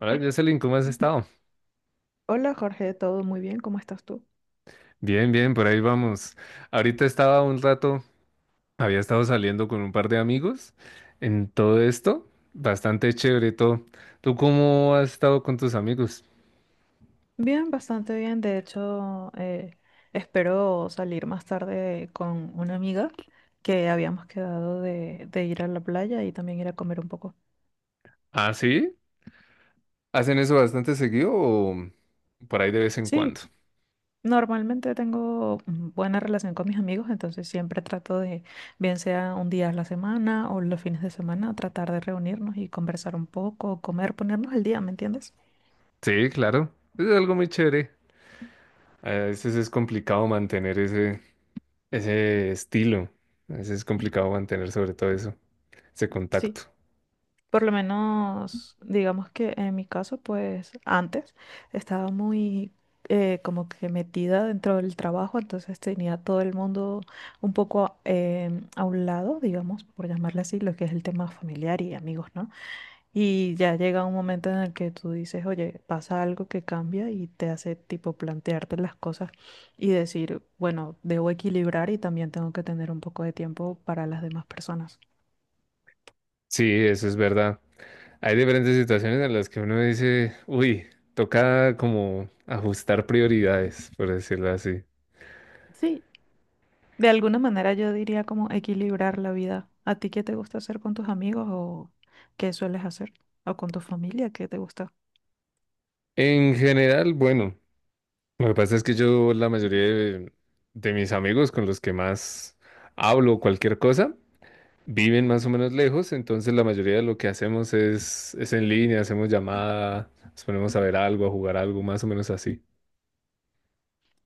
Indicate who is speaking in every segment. Speaker 1: Hola, Jocelyn, ¿cómo has estado?
Speaker 2: Hola Jorge, ¿todo muy bien? ¿Cómo estás tú?
Speaker 1: Bien, bien, por ahí vamos. Ahorita estaba un rato, había estado saliendo con un par de amigos en todo esto. Bastante chévere todo. ¿Tú cómo has estado con tus amigos?
Speaker 2: Bien, bastante bien. De hecho, espero salir más tarde con una amiga que habíamos quedado de ir a la playa y también ir a comer un poco.
Speaker 1: ¿Ah, sí? ¿Hacen eso bastante seguido o por ahí de vez en
Speaker 2: Sí,
Speaker 1: cuando?
Speaker 2: normalmente tengo buena relación con mis amigos, entonces siempre trato de, bien sea un día a la semana o los fines de semana, tratar de reunirnos y conversar un poco, comer, ponernos al día, ¿me entiendes?
Speaker 1: Sí, claro. Es algo muy chévere. A veces es complicado mantener ese estilo. A veces es complicado mantener sobre todo ese contacto.
Speaker 2: Sí. Por lo menos, digamos que en mi caso, pues antes estaba muy como que metida dentro del trabajo, entonces tenía todo el mundo un poco a un lado, digamos, por llamarle así, lo que es el tema familiar y amigos, ¿no? Y ya llega un momento en el que tú dices, oye, pasa algo que cambia y te hace tipo plantearte las cosas y decir, bueno, debo equilibrar y también tengo que tener un poco de tiempo para las demás personas.
Speaker 1: Sí, eso es verdad. Hay diferentes situaciones en las que uno dice, uy, toca como ajustar prioridades, por decirlo así.
Speaker 2: Sí. De alguna manera yo diría como equilibrar la vida. ¿A ti qué te gusta hacer con tus amigos o qué sueles hacer? ¿O con tu familia? ¿Qué te gusta?
Speaker 1: En general, bueno, lo que pasa es que yo la mayoría de mis amigos con los que más hablo o cualquier cosa viven más o menos lejos, entonces la mayoría de lo que hacemos es en línea, hacemos llamada, nos ponemos a ver algo, a jugar algo, más o menos así.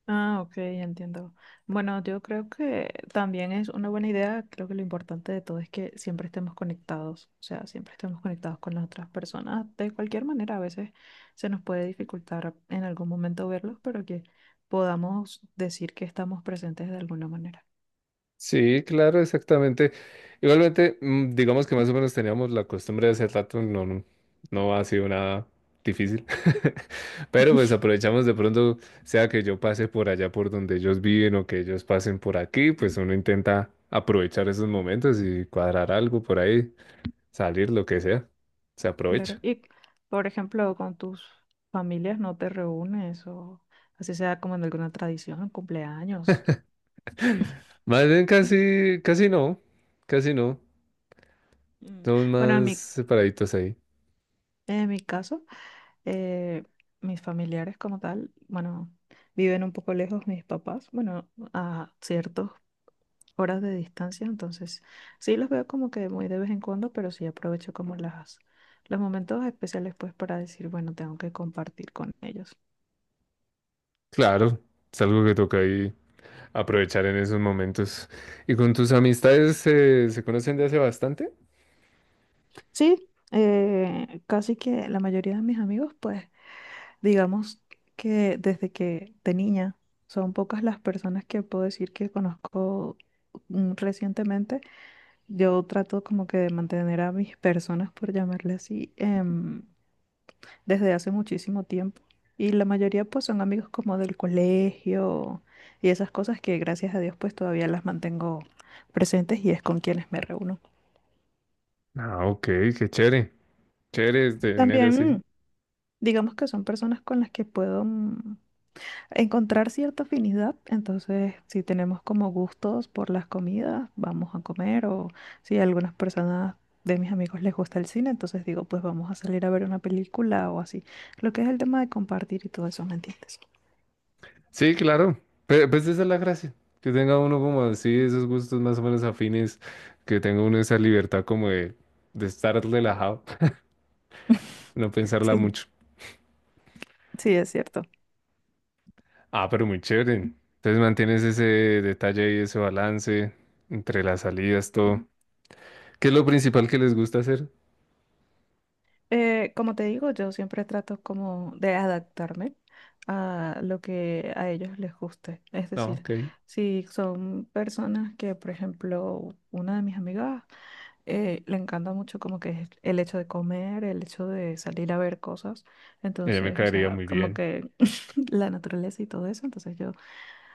Speaker 2: Ah, ok, entiendo. Bueno, yo creo que también es una buena idea. Creo que lo importante de todo es que siempre estemos conectados, o sea, siempre estemos conectados con las otras personas. De cualquier manera, a veces se nos puede dificultar en algún momento verlos, pero que podamos decir que estamos presentes de alguna manera.
Speaker 1: Sí, claro, exactamente. Igualmente, digamos que más o menos teníamos la costumbre de hacer rato, no, no, no ha sido nada difícil. Pero pues aprovechamos de pronto, sea que yo pase por allá por donde ellos viven o que ellos pasen por aquí, pues uno intenta aprovechar esos momentos y cuadrar algo por ahí, salir, lo que sea. Se
Speaker 2: Claro.
Speaker 1: aprovecha.
Speaker 2: Y, por ejemplo, con tus familias no te reúnes o así sea como en alguna tradición, cumpleaños.
Speaker 1: Más bien casi, casi no, casi no.
Speaker 2: Mm.
Speaker 1: Somos
Speaker 2: Bueno,
Speaker 1: más separaditos ahí.
Speaker 2: en mi caso, eh, mis familiares como tal, bueno, viven un poco lejos mis papás, bueno, a ciertas horas de distancia, entonces sí los veo como que muy de vez en cuando, pero sí aprovecho como las, los momentos especiales pues para decir, bueno, tengo que compartir con ellos.
Speaker 1: Claro, es algo que toca ahí aprovechar en esos momentos. ¿Y con tus amistades se conocen de hace bastante?
Speaker 2: Sí, casi que la mayoría de mis amigos pues digamos que desde que de niña son pocas las personas que puedo decir que conozco recientemente. Yo trato como que de mantener a mis personas, por llamarle así, desde hace muchísimo tiempo. Y la mayoría pues son amigos como del colegio y esas cosas que gracias a Dios pues todavía las mantengo presentes y es con quienes me reúno.
Speaker 1: Ah, ok, qué chévere. Chévere es tener
Speaker 2: También
Speaker 1: así.
Speaker 2: digamos que son personas con las que puedo... encontrar cierta afinidad. Entonces, si tenemos como gustos por las comidas, vamos a comer. O si a algunas personas de mis amigos les gusta el cine, entonces digo, pues vamos a salir a ver una película o así. Lo que es el tema de compartir y todo eso, ¿me entiendes?
Speaker 1: Sí, claro. Pues esa es la gracia. Que tenga uno como así, esos gustos más o menos afines. Que tenga uno esa libertad como de estar relajado, no pensarla
Speaker 2: Sí,
Speaker 1: mucho.
Speaker 2: sí, es cierto.
Speaker 1: Ah, pero muy chévere. Entonces mantienes ese detalle y ese balance entre las salidas, todo. ¿Qué es lo principal que les gusta hacer?
Speaker 2: Como te digo, yo siempre trato como de adaptarme a lo que a ellos les guste. Es
Speaker 1: Ah,
Speaker 2: decir,
Speaker 1: ok.
Speaker 2: si son personas que, por ejemplo, una de mis amigas le encanta mucho como que es el hecho de comer, el hecho de salir a ver cosas.
Speaker 1: Me
Speaker 2: Entonces, o
Speaker 1: caería
Speaker 2: sea,
Speaker 1: muy
Speaker 2: como
Speaker 1: bien.
Speaker 2: que la naturaleza y todo eso.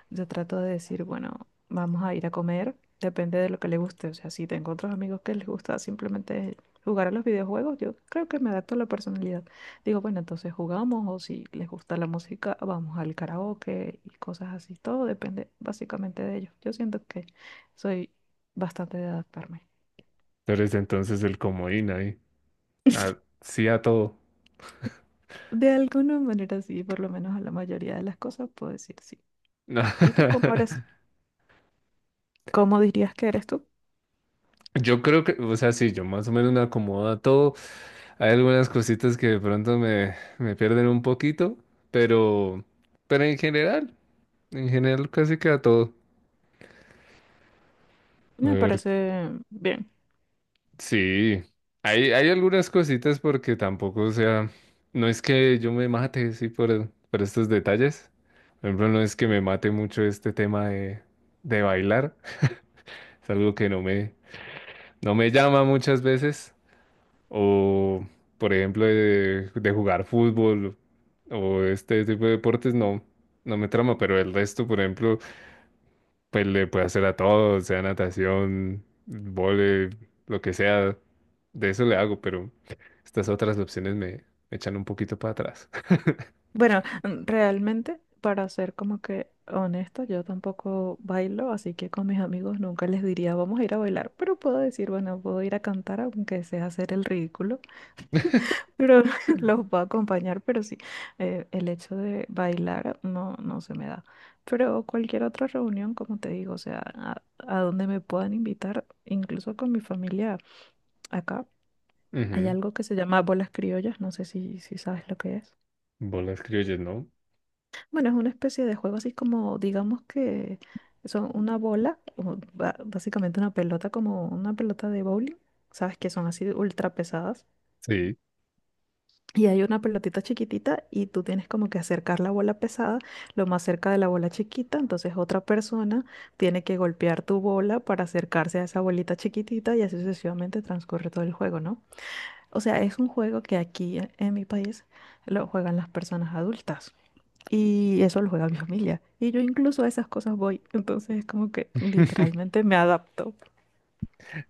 Speaker 2: Yo trato de decir, bueno, vamos a ir a comer. Depende de lo que le guste. O sea, si tengo otros amigos que les gusta simplemente jugar a los videojuegos, yo creo que me adapto a la personalidad. Digo, bueno, entonces jugamos o si les gusta la música, vamos al karaoke y cosas así. Todo depende básicamente de ellos. Yo siento que soy bastante de adaptarme.
Speaker 1: Eres entonces el comodín ahí. Ah, sí a todo.
Speaker 2: De alguna manera sí, por lo menos a la mayoría de las cosas puedo decir sí. ¿Y tú cómo eres? ¿Cómo dirías que eres tú?
Speaker 1: Yo creo que, o sea, sí, yo más o menos me acomodo a todo. Hay algunas cositas que de pronto me pierden un poquito, pero, pero en general casi que a todo. A
Speaker 2: Me
Speaker 1: ver,
Speaker 2: parece bien.
Speaker 1: sí, hay algunas cositas porque tampoco, o sea, no es que yo me mate, sí, por estos detalles. Por ejemplo, no es que me mate mucho este tema de bailar. Es algo que no no me llama muchas veces. O, por ejemplo, de jugar fútbol o este tipo de deportes, no, no me trama. Pero el resto, por ejemplo, pues le puedo hacer a todo, sea natación, vóley, lo que sea. De eso le hago, pero estas otras opciones me echan un poquito para atrás.
Speaker 2: Bueno, realmente, para ser como que honesta, yo tampoco bailo, así que con mis amigos nunca les diría vamos a ir a bailar, pero puedo decir, bueno, puedo ir a cantar aunque sea hacer el ridículo. Pero los puedo acompañar, pero sí, el hecho de bailar no, no se me da. Pero cualquier otra reunión, como te digo, o sea, a donde me puedan invitar, incluso con mi familia acá, hay
Speaker 1: Ujú.
Speaker 2: algo que se llama bolas criollas, no sé si, si sabes lo que es.
Speaker 1: Bolas criollas, ¿no?
Speaker 2: Bueno, es una especie de juego así como, digamos que son una bola, o básicamente una pelota, como una pelota de bowling, sabes que son así ultra pesadas.
Speaker 1: Sí.
Speaker 2: Y hay una pelotita chiquitita y tú tienes como que acercar la bola pesada lo más cerca de la bola chiquita. Entonces otra persona tiene que golpear tu bola para acercarse a esa bolita chiquitita y así sucesivamente transcurre todo el juego, ¿no? O sea, es un juego que aquí en mi país lo juegan las personas adultas y eso lo juega mi familia. Y yo incluso a esas cosas voy. Entonces es como que literalmente me adapto.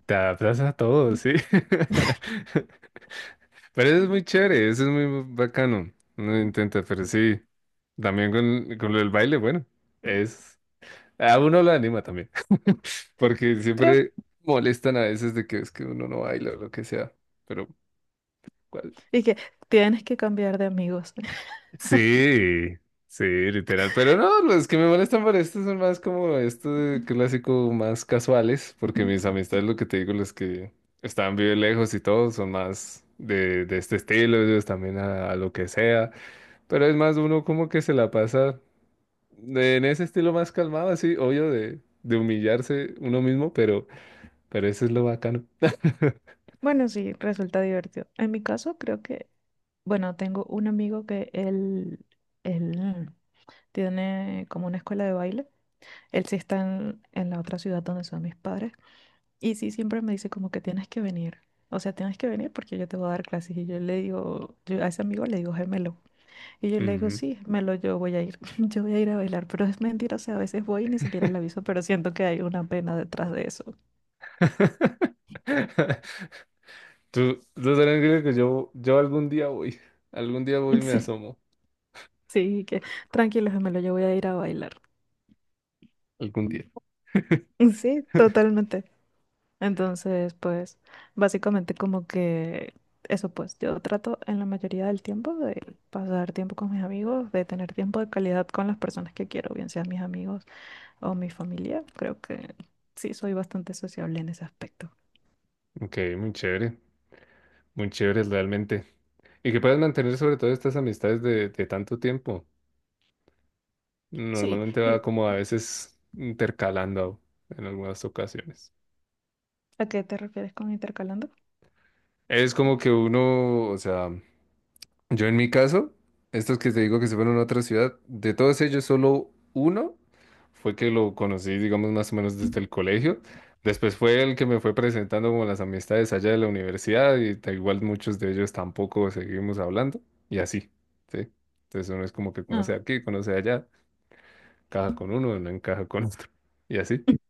Speaker 1: Te adaptas a todo, sí. Pero eso es muy chévere, eso es muy bacano. Uno intenta, pero sí. También con el baile, bueno, es... A uno lo anima también,
Speaker 2: Sí,
Speaker 1: porque
Speaker 2: creo.
Speaker 1: siempre molestan a veces de que es que uno no baila o lo que sea, pero... ¿cuál?
Speaker 2: Y que tienes que cambiar de amigos.
Speaker 1: Sí, sí, literal, pero no, los que me molestan por esto son más como estos clásicos más casuales, porque mis amistades, lo que te digo, los que están bien lejos y todo, son más de este estilo, ellos también a lo que sea, pero es más uno como que se la pasa... en ese estilo más calmado, así, obvio, de humillarse uno mismo, pero eso es lo bacano.
Speaker 2: Bueno, sí, resulta divertido. En mi caso, creo que, bueno, tengo un amigo que él tiene como una escuela de baile. Él sí está en la otra ciudad donde son mis padres. Y sí, siempre me dice como que tienes que venir. O sea, tienes que venir porque yo te voy a dar clases. Y yo le digo, yo a ese amigo le digo, gemelo. Y yo le digo,
Speaker 1: Ujú.
Speaker 2: sí, gemelo, yo voy a ir. Yo voy a ir a bailar. Pero es mentira, o sea, a veces voy y ni siquiera le aviso, pero siento que hay una pena detrás de eso.
Speaker 1: Tú tranquilo que yo algún día voy y me
Speaker 2: Sí,
Speaker 1: asomo,
Speaker 2: sí, que tranquilo, gemelo, yo voy a ir a bailar.
Speaker 1: algún día.
Speaker 2: Sí, totalmente. Entonces, pues, básicamente como que eso, pues, yo trato en la mayoría del tiempo de pasar tiempo con mis amigos, de tener tiempo de calidad con las personas que quiero, bien sean mis amigos o mi familia. Creo que sí, soy bastante sociable en ese aspecto.
Speaker 1: Ok, muy chévere realmente. Y que puedas mantener sobre todo estas amistades de tanto tiempo.
Speaker 2: Sí,
Speaker 1: Normalmente va
Speaker 2: ¿y
Speaker 1: como a veces intercalando en algunas ocasiones.
Speaker 2: a qué te refieres con intercalando?
Speaker 1: Es como que uno, o sea, yo en mi caso, estos que te digo que se fueron a otra ciudad, de todos ellos solo uno fue que lo conocí, digamos, más o menos desde el colegio. Después fue el que me fue presentando como las amistades allá de la universidad y da igual muchos de ellos tampoco seguimos hablando y así, ¿sí? Entonces uno es como que conoce
Speaker 2: Ah.
Speaker 1: aquí, conoce allá, encaja con uno, no encaja con otro y así.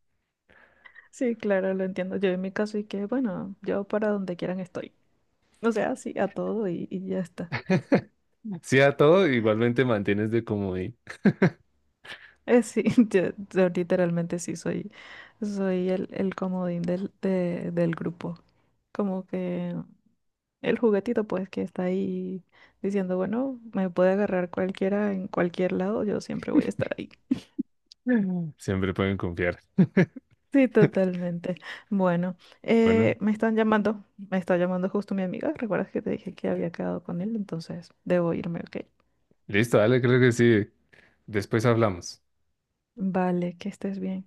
Speaker 2: Sí, claro, lo entiendo. Yo en mi caso y que, bueno, yo para donde quieran estoy. O sea, sí, a todo y ya está.
Speaker 1: Sí a todo, igualmente mantienes de comodín.
Speaker 2: Sí, yo literalmente sí soy, soy el comodín del grupo. Como que el juguetito pues que está ahí diciendo, bueno, me puede agarrar cualquiera en cualquier lado, yo siempre voy a estar ahí.
Speaker 1: Ujú. Siempre pueden confiar.
Speaker 2: Sí, totalmente. Bueno,
Speaker 1: Bueno,
Speaker 2: me están llamando, me está llamando justo mi amiga. ¿Recuerdas que te dije que había quedado con él? Entonces, debo irme, ¿ok?
Speaker 1: listo, dale, creo que sí. Después hablamos.
Speaker 2: Vale, que estés bien.